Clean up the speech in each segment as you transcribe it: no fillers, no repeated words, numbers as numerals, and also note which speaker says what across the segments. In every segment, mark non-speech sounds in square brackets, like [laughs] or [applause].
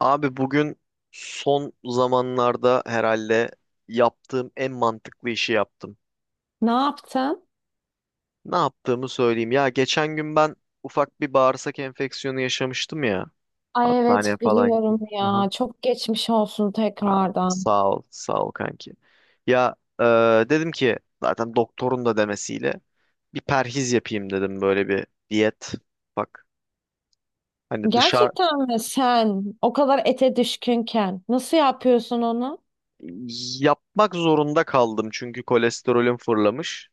Speaker 1: Abi bugün son zamanlarda herhalde yaptığım en mantıklı işi yaptım.
Speaker 2: Ne yaptın?
Speaker 1: Ne yaptığımı söyleyeyim. Ya geçen gün ben ufak bir bağırsak enfeksiyonu yaşamıştım ya.
Speaker 2: Ay
Speaker 1: Hastaneye
Speaker 2: evet
Speaker 1: falan gittim.
Speaker 2: biliyorum
Speaker 1: Aha.
Speaker 2: ya. Çok geçmiş olsun
Speaker 1: Aa,
Speaker 2: tekrardan.
Speaker 1: sağ ol kanki. Ya, dedim ki zaten doktorun da demesiyle bir perhiz yapayım dedim böyle bir diyet. Bak hani dışarı
Speaker 2: Gerçekten mi sen o kadar ete düşkünken nasıl yapıyorsun onu?
Speaker 1: yapmak zorunda kaldım çünkü kolesterolüm fırlamış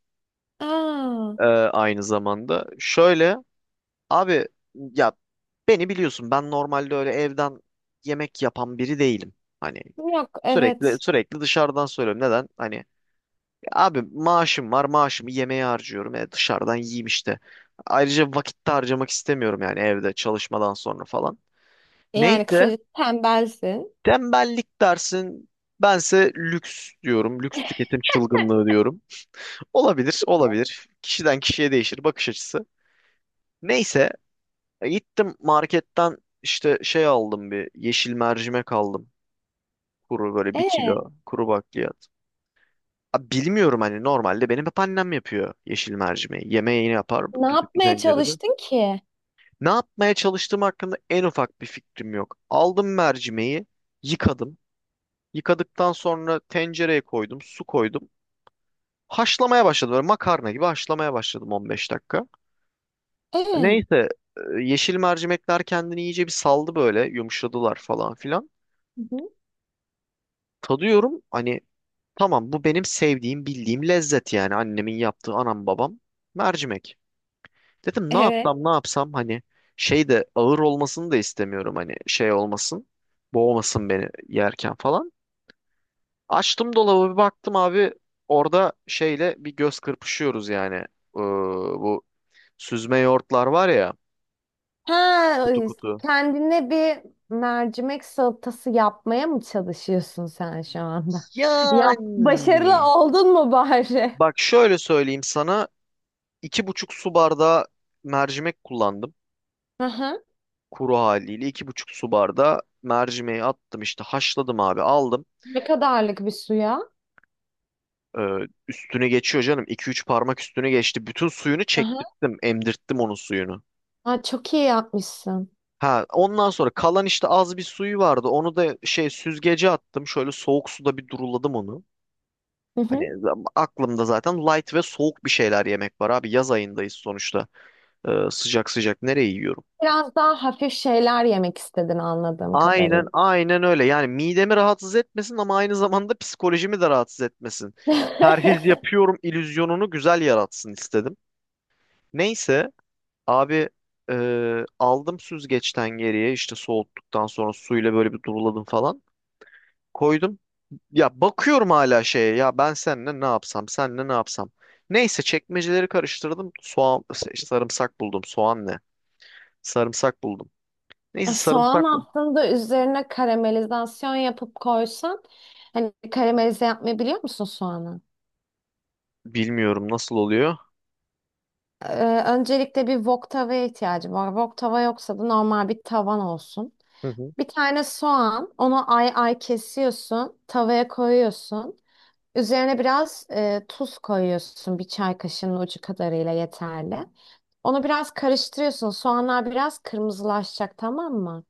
Speaker 2: Aa,
Speaker 1: aynı zamanda. Şöyle abi ya beni biliyorsun, ben normalde öyle evden yemek yapan biri değilim. Hani
Speaker 2: yok
Speaker 1: sürekli
Speaker 2: evet.
Speaker 1: sürekli dışarıdan söylüyorum. Neden? Hani abi maaşım var, maaşımı yemeğe harcıyorum. Dışarıdan yiyeyim işte. Ayrıca vakit de harcamak istemiyorum yani evde çalışmadan sonra falan.
Speaker 2: Yani
Speaker 1: Neyse,
Speaker 2: kısaca tembelsin.
Speaker 1: tembellik dersin, bense lüks diyorum. Lüks tüketim çılgınlığı diyorum. Olabilir. Kişiden kişiye değişir bakış açısı. Neyse, gittim marketten işte şey aldım, bir yeşil mercimek aldım. Kuru, böyle bir
Speaker 2: E,
Speaker 1: kilo kuru bakliyat. Abi bilmiyorum, hani normalde benim hep annem yapıyor yeşil mercimeği. Yemeğini yapar
Speaker 2: ne
Speaker 1: düdüklü
Speaker 2: yapmaya
Speaker 1: tencerede.
Speaker 2: çalıştın ki?
Speaker 1: Ne yapmaya çalıştığım hakkında en ufak bir fikrim yok. Aldım mercimeği, yıkadım. Yıkadıktan sonra tencereye koydum, su koydum. Haşlamaya başladım, böyle makarna gibi haşlamaya başladım, 15 dakika.
Speaker 2: E, hı
Speaker 1: Neyse, yeşil mercimekler kendini iyice bir saldı, böyle yumuşadılar falan filan.
Speaker 2: hı,
Speaker 1: Tadıyorum. Hani tamam, bu benim sevdiğim, bildiğim lezzet yani, annemin yaptığı, anam babam mercimek. Dedim ne
Speaker 2: evet.
Speaker 1: yapsam, ne yapsam, hani şey de ağır olmasını da istemiyorum, hani şey olmasın. Boğmasın beni yerken falan. Açtım dolabı, bir baktım abi, orada şeyle bir göz kırpışıyoruz yani. Bu süzme yoğurtlar var ya,
Speaker 2: Ha,
Speaker 1: kutu kutu.
Speaker 2: kendine bir mercimek salatası yapmaya mı çalışıyorsun sen şu anda? [laughs] Ya
Speaker 1: Yani
Speaker 2: başarılı oldun mu bari?
Speaker 1: bak, şöyle söyleyeyim sana, 2,5 su bardağı mercimek kullandım.
Speaker 2: Aha.
Speaker 1: Kuru haliyle 2,5 su bardağı mercimeği attım işte, haşladım abi, aldım.
Speaker 2: Ne kadarlık bir suya?
Speaker 1: Ee, üstüne geçiyor canım. İki üç parmak üstüne geçti. Bütün suyunu
Speaker 2: Aha.
Speaker 1: çektirttim. Emdirttim onun suyunu.
Speaker 2: Aa, çok iyi yapmışsın.
Speaker 1: Ha, ondan sonra kalan işte az bir suyu vardı. Onu da şey süzgece attım. Şöyle soğuk suda bir duruladım onu.
Speaker 2: Hı
Speaker 1: Hani
Speaker 2: hı.
Speaker 1: aklımda zaten light ve soğuk bir şeyler yemek var abi. Yaz ayındayız sonuçta. Sıcak sıcak nereye yiyorum?
Speaker 2: Biraz daha hafif şeyler yemek istedin anladığım
Speaker 1: Aynen
Speaker 2: kadarıyla.
Speaker 1: aynen öyle. Yani midemi rahatsız etmesin ama aynı zamanda psikolojimi de rahatsız etmesin. Perhiz
Speaker 2: [laughs]
Speaker 1: yapıyorum illüzyonunu güzel yaratsın istedim. Neyse abi, aldım süzgeçten geriye işte, soğuttuktan sonra suyla böyle bir duruladım falan. Koydum. Ya bakıyorum hala şeye, ya ben seninle ne yapsam, seninle ne yapsam. Neyse, çekmeceleri karıştırdım. Soğan, işte sarımsak buldum. Soğan ne? Sarımsak buldum. Neyse,
Speaker 2: Soğan
Speaker 1: sarımsak mı?
Speaker 2: aslında üzerine karamelizasyon yapıp koysan hani karamelize yapmayı biliyor musun soğanı?
Speaker 1: Bilmiyorum nasıl oluyor.
Speaker 2: Öncelikle bir wok tavaya ihtiyacı var. Wok tava yoksa da normal bir tavan olsun.
Speaker 1: [laughs]
Speaker 2: Bir tane soğan, onu ay ay kesiyorsun, tavaya koyuyorsun. Üzerine biraz tuz koyuyorsun bir çay kaşığının ucu kadarıyla yeterli. Onu biraz karıştırıyorsun. Soğanlar biraz kırmızılaşacak tamam mı?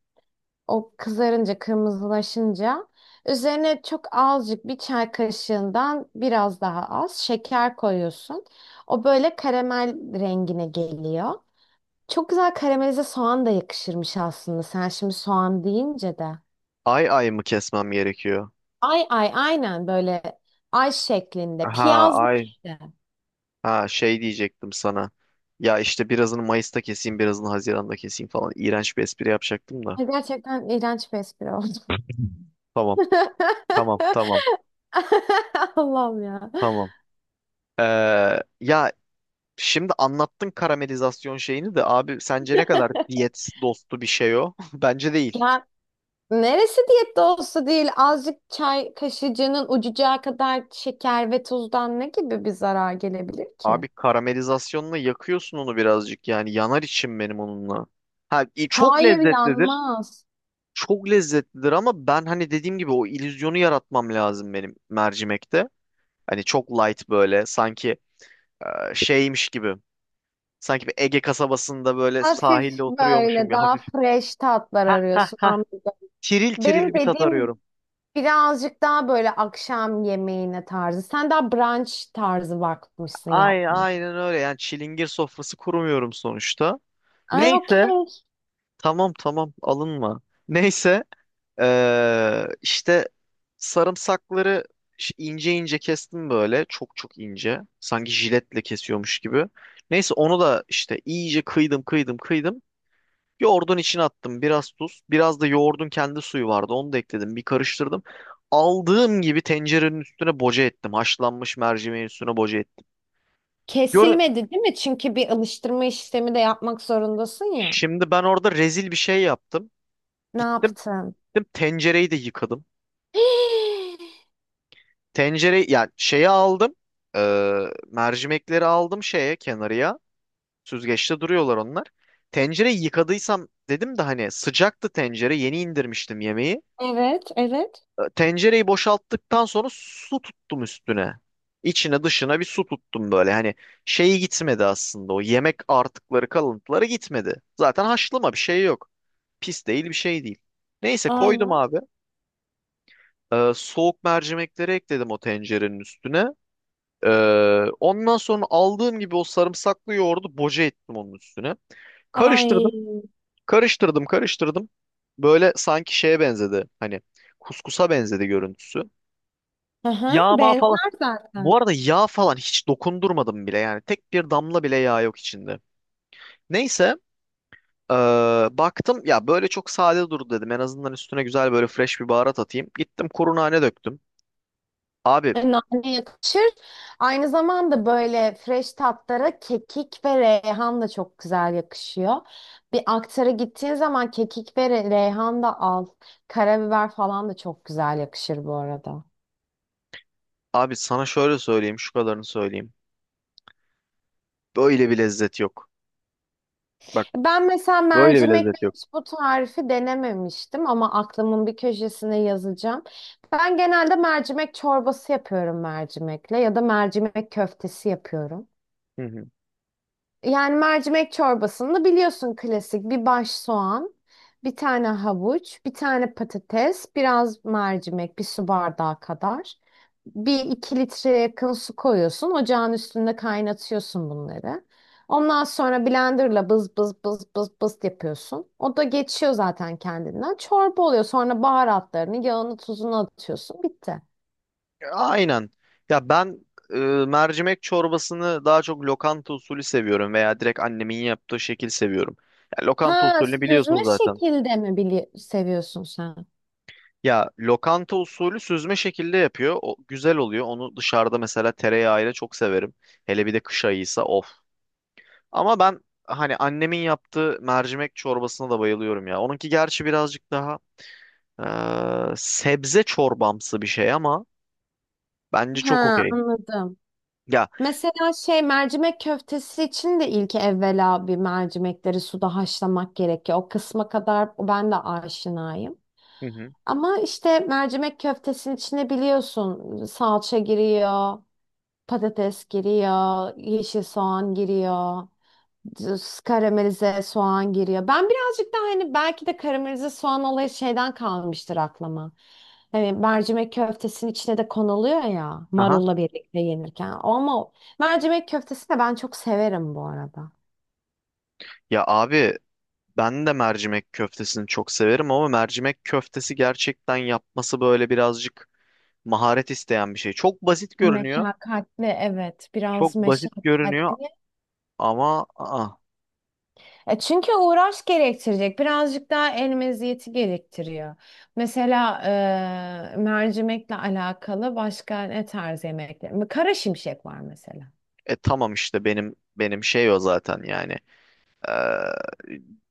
Speaker 2: O kızarınca, kırmızılaşınca üzerine çok azıcık bir çay kaşığından biraz daha az şeker koyuyorsun. O böyle karamel rengine geliyor. Çok güzel karamelize soğan da yakışırmış aslında. Sen şimdi soğan deyince de.
Speaker 1: Ay ay mı kesmem gerekiyor?
Speaker 2: Ay ay aynen böyle ay şeklinde.
Speaker 1: Ha,
Speaker 2: Piyazlık
Speaker 1: ay.
Speaker 2: işte.
Speaker 1: Ha, şey diyecektim sana. Ya işte birazını Mayıs'ta keseyim, birazını Haziran'da keseyim falan. İğrenç bir espri yapacaktım da.
Speaker 2: Gerçekten iğrenç bir espri oldu.
Speaker 1: Tamam,
Speaker 2: [laughs]
Speaker 1: tamam, tamam,
Speaker 2: Allah'ım ya.
Speaker 1: tamam. Ee, ya şimdi anlattın karamelizasyon şeyini de abi, sence ne kadar diyet dostu bir şey o? [laughs] Bence değil.
Speaker 2: Ya neresi diyette olsa değil azıcık çay kaşıcının ucucağı kadar şeker ve tuzdan ne gibi bir zarar gelebilir ki?
Speaker 1: Abi karamelizasyonla yakıyorsun onu birazcık, yani yanar içim benim onunla. Çok
Speaker 2: Hayır
Speaker 1: lezzetlidir.
Speaker 2: yanmaz.
Speaker 1: Çok lezzetlidir ama ben hani dediğim gibi o illüzyonu yaratmam lazım benim mercimekte. Hani çok light böyle, sanki şeymiş gibi. Sanki bir Ege kasabasında böyle sahilde
Speaker 2: Hafif
Speaker 1: oturuyormuşum
Speaker 2: böyle
Speaker 1: gibi
Speaker 2: daha
Speaker 1: hafif.
Speaker 2: fresh tatlar
Speaker 1: Heh,
Speaker 2: arıyorsun anladım.
Speaker 1: tiril
Speaker 2: Benim
Speaker 1: tiril bir tat
Speaker 2: dediğim
Speaker 1: arıyorum.
Speaker 2: birazcık daha böyle akşam yemeğine tarzı. Sen daha brunch tarzı bakmışsın
Speaker 1: Ay,
Speaker 2: yapmaya.
Speaker 1: aynen öyle yani, çilingir sofrası kurmuyorum sonuçta.
Speaker 2: Ay
Speaker 1: Neyse.
Speaker 2: okey.
Speaker 1: Tamam, alınma. Neyse. İşte sarımsakları ince ince kestim böyle. Çok ince. Sanki jiletle kesiyormuş gibi. Neyse onu da işte iyice kıydım. Yoğurdun içine attım. Biraz tuz. Biraz da yoğurdun kendi suyu vardı. Onu da ekledim. Bir karıştırdım. Aldığım gibi tencerenin üstüne boca ettim. Haşlanmış mercimeğin üstüne boca ettim. Gör,
Speaker 2: Kesilmedi değil mi? Çünkü bir alıştırma işlemi de yapmak zorundasın ya.
Speaker 1: şimdi ben orada rezil bir şey yaptım.
Speaker 2: Ne
Speaker 1: Gittim,
Speaker 2: yaptın?
Speaker 1: gittim, tencereyi de yıkadım.
Speaker 2: [gasps]
Speaker 1: Tencere, yani şeyi aldım. Ee, mercimekleri aldım şeye, kenarıya. Süzgeçte duruyorlar onlar. Tencereyi yıkadıysam dedim de, hani sıcaktı tencere, yeni indirmiştim yemeği.
Speaker 2: Evet, evet.
Speaker 1: Tencereyi boşalttıktan sonra su tuttum üstüne. İçine dışına bir su tuttum böyle, hani şeyi gitmedi aslında, o yemek artıkları kalıntıları gitmedi. Zaten haşlama, bir şey yok. Pis değil, bir şey değil. Neyse, koydum
Speaker 2: Aynen.
Speaker 1: abi. Soğuk mercimekleri ekledim o tencerenin üstüne. Ee, ondan sonra aldığım gibi o sarımsaklı yoğurdu boca ettim onun üstüne.
Speaker 2: Ay.
Speaker 1: Karıştırdım, karıştırdım. Böyle sanki şeye benzedi. Hani kuskusa benzedi görüntüsü.
Speaker 2: Hı hı,
Speaker 1: Yağma falan.
Speaker 2: benzer
Speaker 1: Bu
Speaker 2: zaten.
Speaker 1: arada yağ falan hiç dokundurmadım bile yani. Tek bir damla bile yağ yok içinde. Neyse, ee, baktım ya böyle çok sade durdu dedim. En azından üstüne güzel böyle fresh bir baharat atayım. Gittim, kuru nane döktüm. Abi,
Speaker 2: Nane yakışır. Aynı zamanda böyle fresh tatlara kekik ve reyhan da çok güzel yakışıyor. Bir aktara gittiğin zaman kekik ve reyhan da al. Karabiber falan da çok güzel yakışır bu arada.
Speaker 1: abi sana şöyle söyleyeyim, şu kadarını söyleyeyim. Böyle bir lezzet yok. Bak,
Speaker 2: Ben mesela
Speaker 1: böyle bir
Speaker 2: mercimek
Speaker 1: lezzet yok.
Speaker 2: hiç bu tarifi denememiştim ama aklımın bir köşesine yazacağım. Ben genelde mercimek çorbası yapıyorum mercimekle ya da mercimek köftesi yapıyorum.
Speaker 1: Hı hı.
Speaker 2: Yani mercimek çorbasında biliyorsun klasik bir baş soğan, bir tane havuç, bir tane patates, biraz mercimek, bir su bardağı kadar. Bir iki litreye yakın su koyuyorsun. Ocağın üstünde kaynatıyorsun bunları. Ondan sonra blenderla bız bız bız bız bız yapıyorsun. O da geçiyor zaten kendinden. Çorba oluyor. Sonra baharatlarını, yağını, tuzunu atıyorsun. Bitti.
Speaker 1: Aynen. Ya ben mercimek çorbasını daha çok lokanta usulü seviyorum veya direkt annemin yaptığı şekil seviyorum. Ya, lokanta
Speaker 2: Ha,
Speaker 1: usulünü biliyorsun
Speaker 2: süzme
Speaker 1: zaten.
Speaker 2: şekilde mi seviyorsun sen?
Speaker 1: Ya, lokanta usulü süzme şekilde yapıyor. O güzel oluyor. Onu dışarıda mesela tereyağıyla çok severim. Hele bir de kış ayıysa, of. Ama ben hani annemin yaptığı mercimek çorbasına da bayılıyorum ya. Onunki gerçi birazcık daha sebze çorbamsı bir şey ama bence çok
Speaker 2: Ha,
Speaker 1: okey.
Speaker 2: anladım.
Speaker 1: Ya.
Speaker 2: Mesela şey mercimek köftesi için de ilk evvela bir mercimekleri suda haşlamak gerekiyor. O kısma kadar ben de aşinayım.
Speaker 1: Hı hı.
Speaker 2: Ama işte mercimek köftesinin içine biliyorsun salça giriyor, patates giriyor, yeşil soğan giriyor düz karamelize soğan giriyor. Ben birazcık daha hani belki de karamelize soğan olayı şeyden kalmıştır aklıma. Hani mercimek köftesinin içine de konuluyor ya
Speaker 1: Aha.
Speaker 2: marulla birlikte yenirken. Ama mercimek köftesi de ben çok severim bu arada.
Speaker 1: Ya abi, ben de mercimek köftesini çok severim ama mercimek köftesi gerçekten yapması böyle birazcık maharet isteyen bir şey. Çok basit görünüyor.
Speaker 2: Meşakkatli evet biraz
Speaker 1: Çok basit görünüyor
Speaker 2: meşakkatli.
Speaker 1: ama aa,
Speaker 2: E çünkü uğraş gerektirecek birazcık daha el meziyeti gerektiriyor. Mesela mercimekle alakalı başka ne tarz yemekler? Kara şimşek var mesela.
Speaker 1: tamam işte, benim şey o zaten yani. Ee,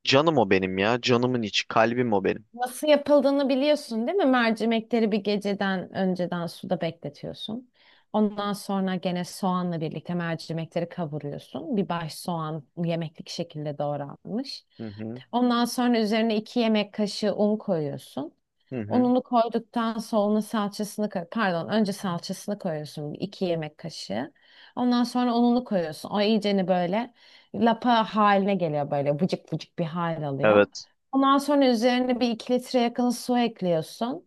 Speaker 1: canım o benim ya. Canımın içi, kalbim o benim.
Speaker 2: Nasıl yapıldığını biliyorsun değil mi? Mercimekleri bir geceden önceden suda bekletiyorsun. Ondan sonra gene soğanla birlikte mercimekleri kavuruyorsun. Bir baş soğan yemeklik şekilde doğranmış.
Speaker 1: Hı hı.
Speaker 2: Ondan sonra üzerine 2 yemek kaşığı un koyuyorsun.
Speaker 1: Hı hı.
Speaker 2: Ununu koyduktan sonra onun salçasını pardon önce salçasını koyuyorsun 2 yemek kaşığı. Ondan sonra ununu koyuyorsun. O iyiceni böyle lapa haline geliyor böyle vıcık vıcık bir hal alıyor.
Speaker 1: Evet.
Speaker 2: Ondan sonra üzerine bir 2 litre yakın su ekliyorsun.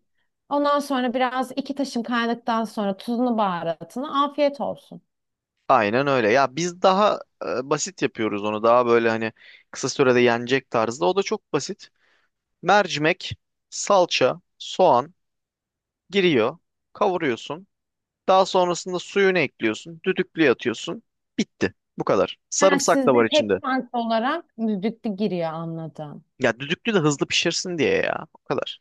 Speaker 2: Ondan sonra biraz iki taşım kaynadıktan sonra tuzunu baharatını afiyet olsun.
Speaker 1: Aynen öyle. Ya biz daha basit yapıyoruz onu. Daha böyle hani kısa sürede yenecek tarzda. O da çok basit. Mercimek, salça, soğan giriyor, kavuruyorsun. Daha sonrasında suyunu ekliyorsun, düdüklüye atıyorsun. Bitti. Bu kadar.
Speaker 2: Ha,
Speaker 1: Sarımsak da var
Speaker 2: sizde tek
Speaker 1: içinde.
Speaker 2: farklı olarak düdüklü giriyor anladım.
Speaker 1: Ya düdüklü de hızlı pişirsin diye ya. O kadar.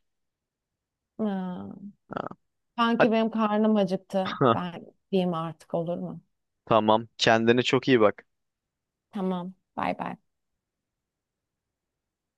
Speaker 2: Ha,
Speaker 1: Ha. Hadi.
Speaker 2: sanki benim karnım acıktı.
Speaker 1: [laughs]
Speaker 2: Ben diyeyim artık olur mu?
Speaker 1: Tamam. Kendine çok iyi bak.
Speaker 2: Tamam. Bay bay.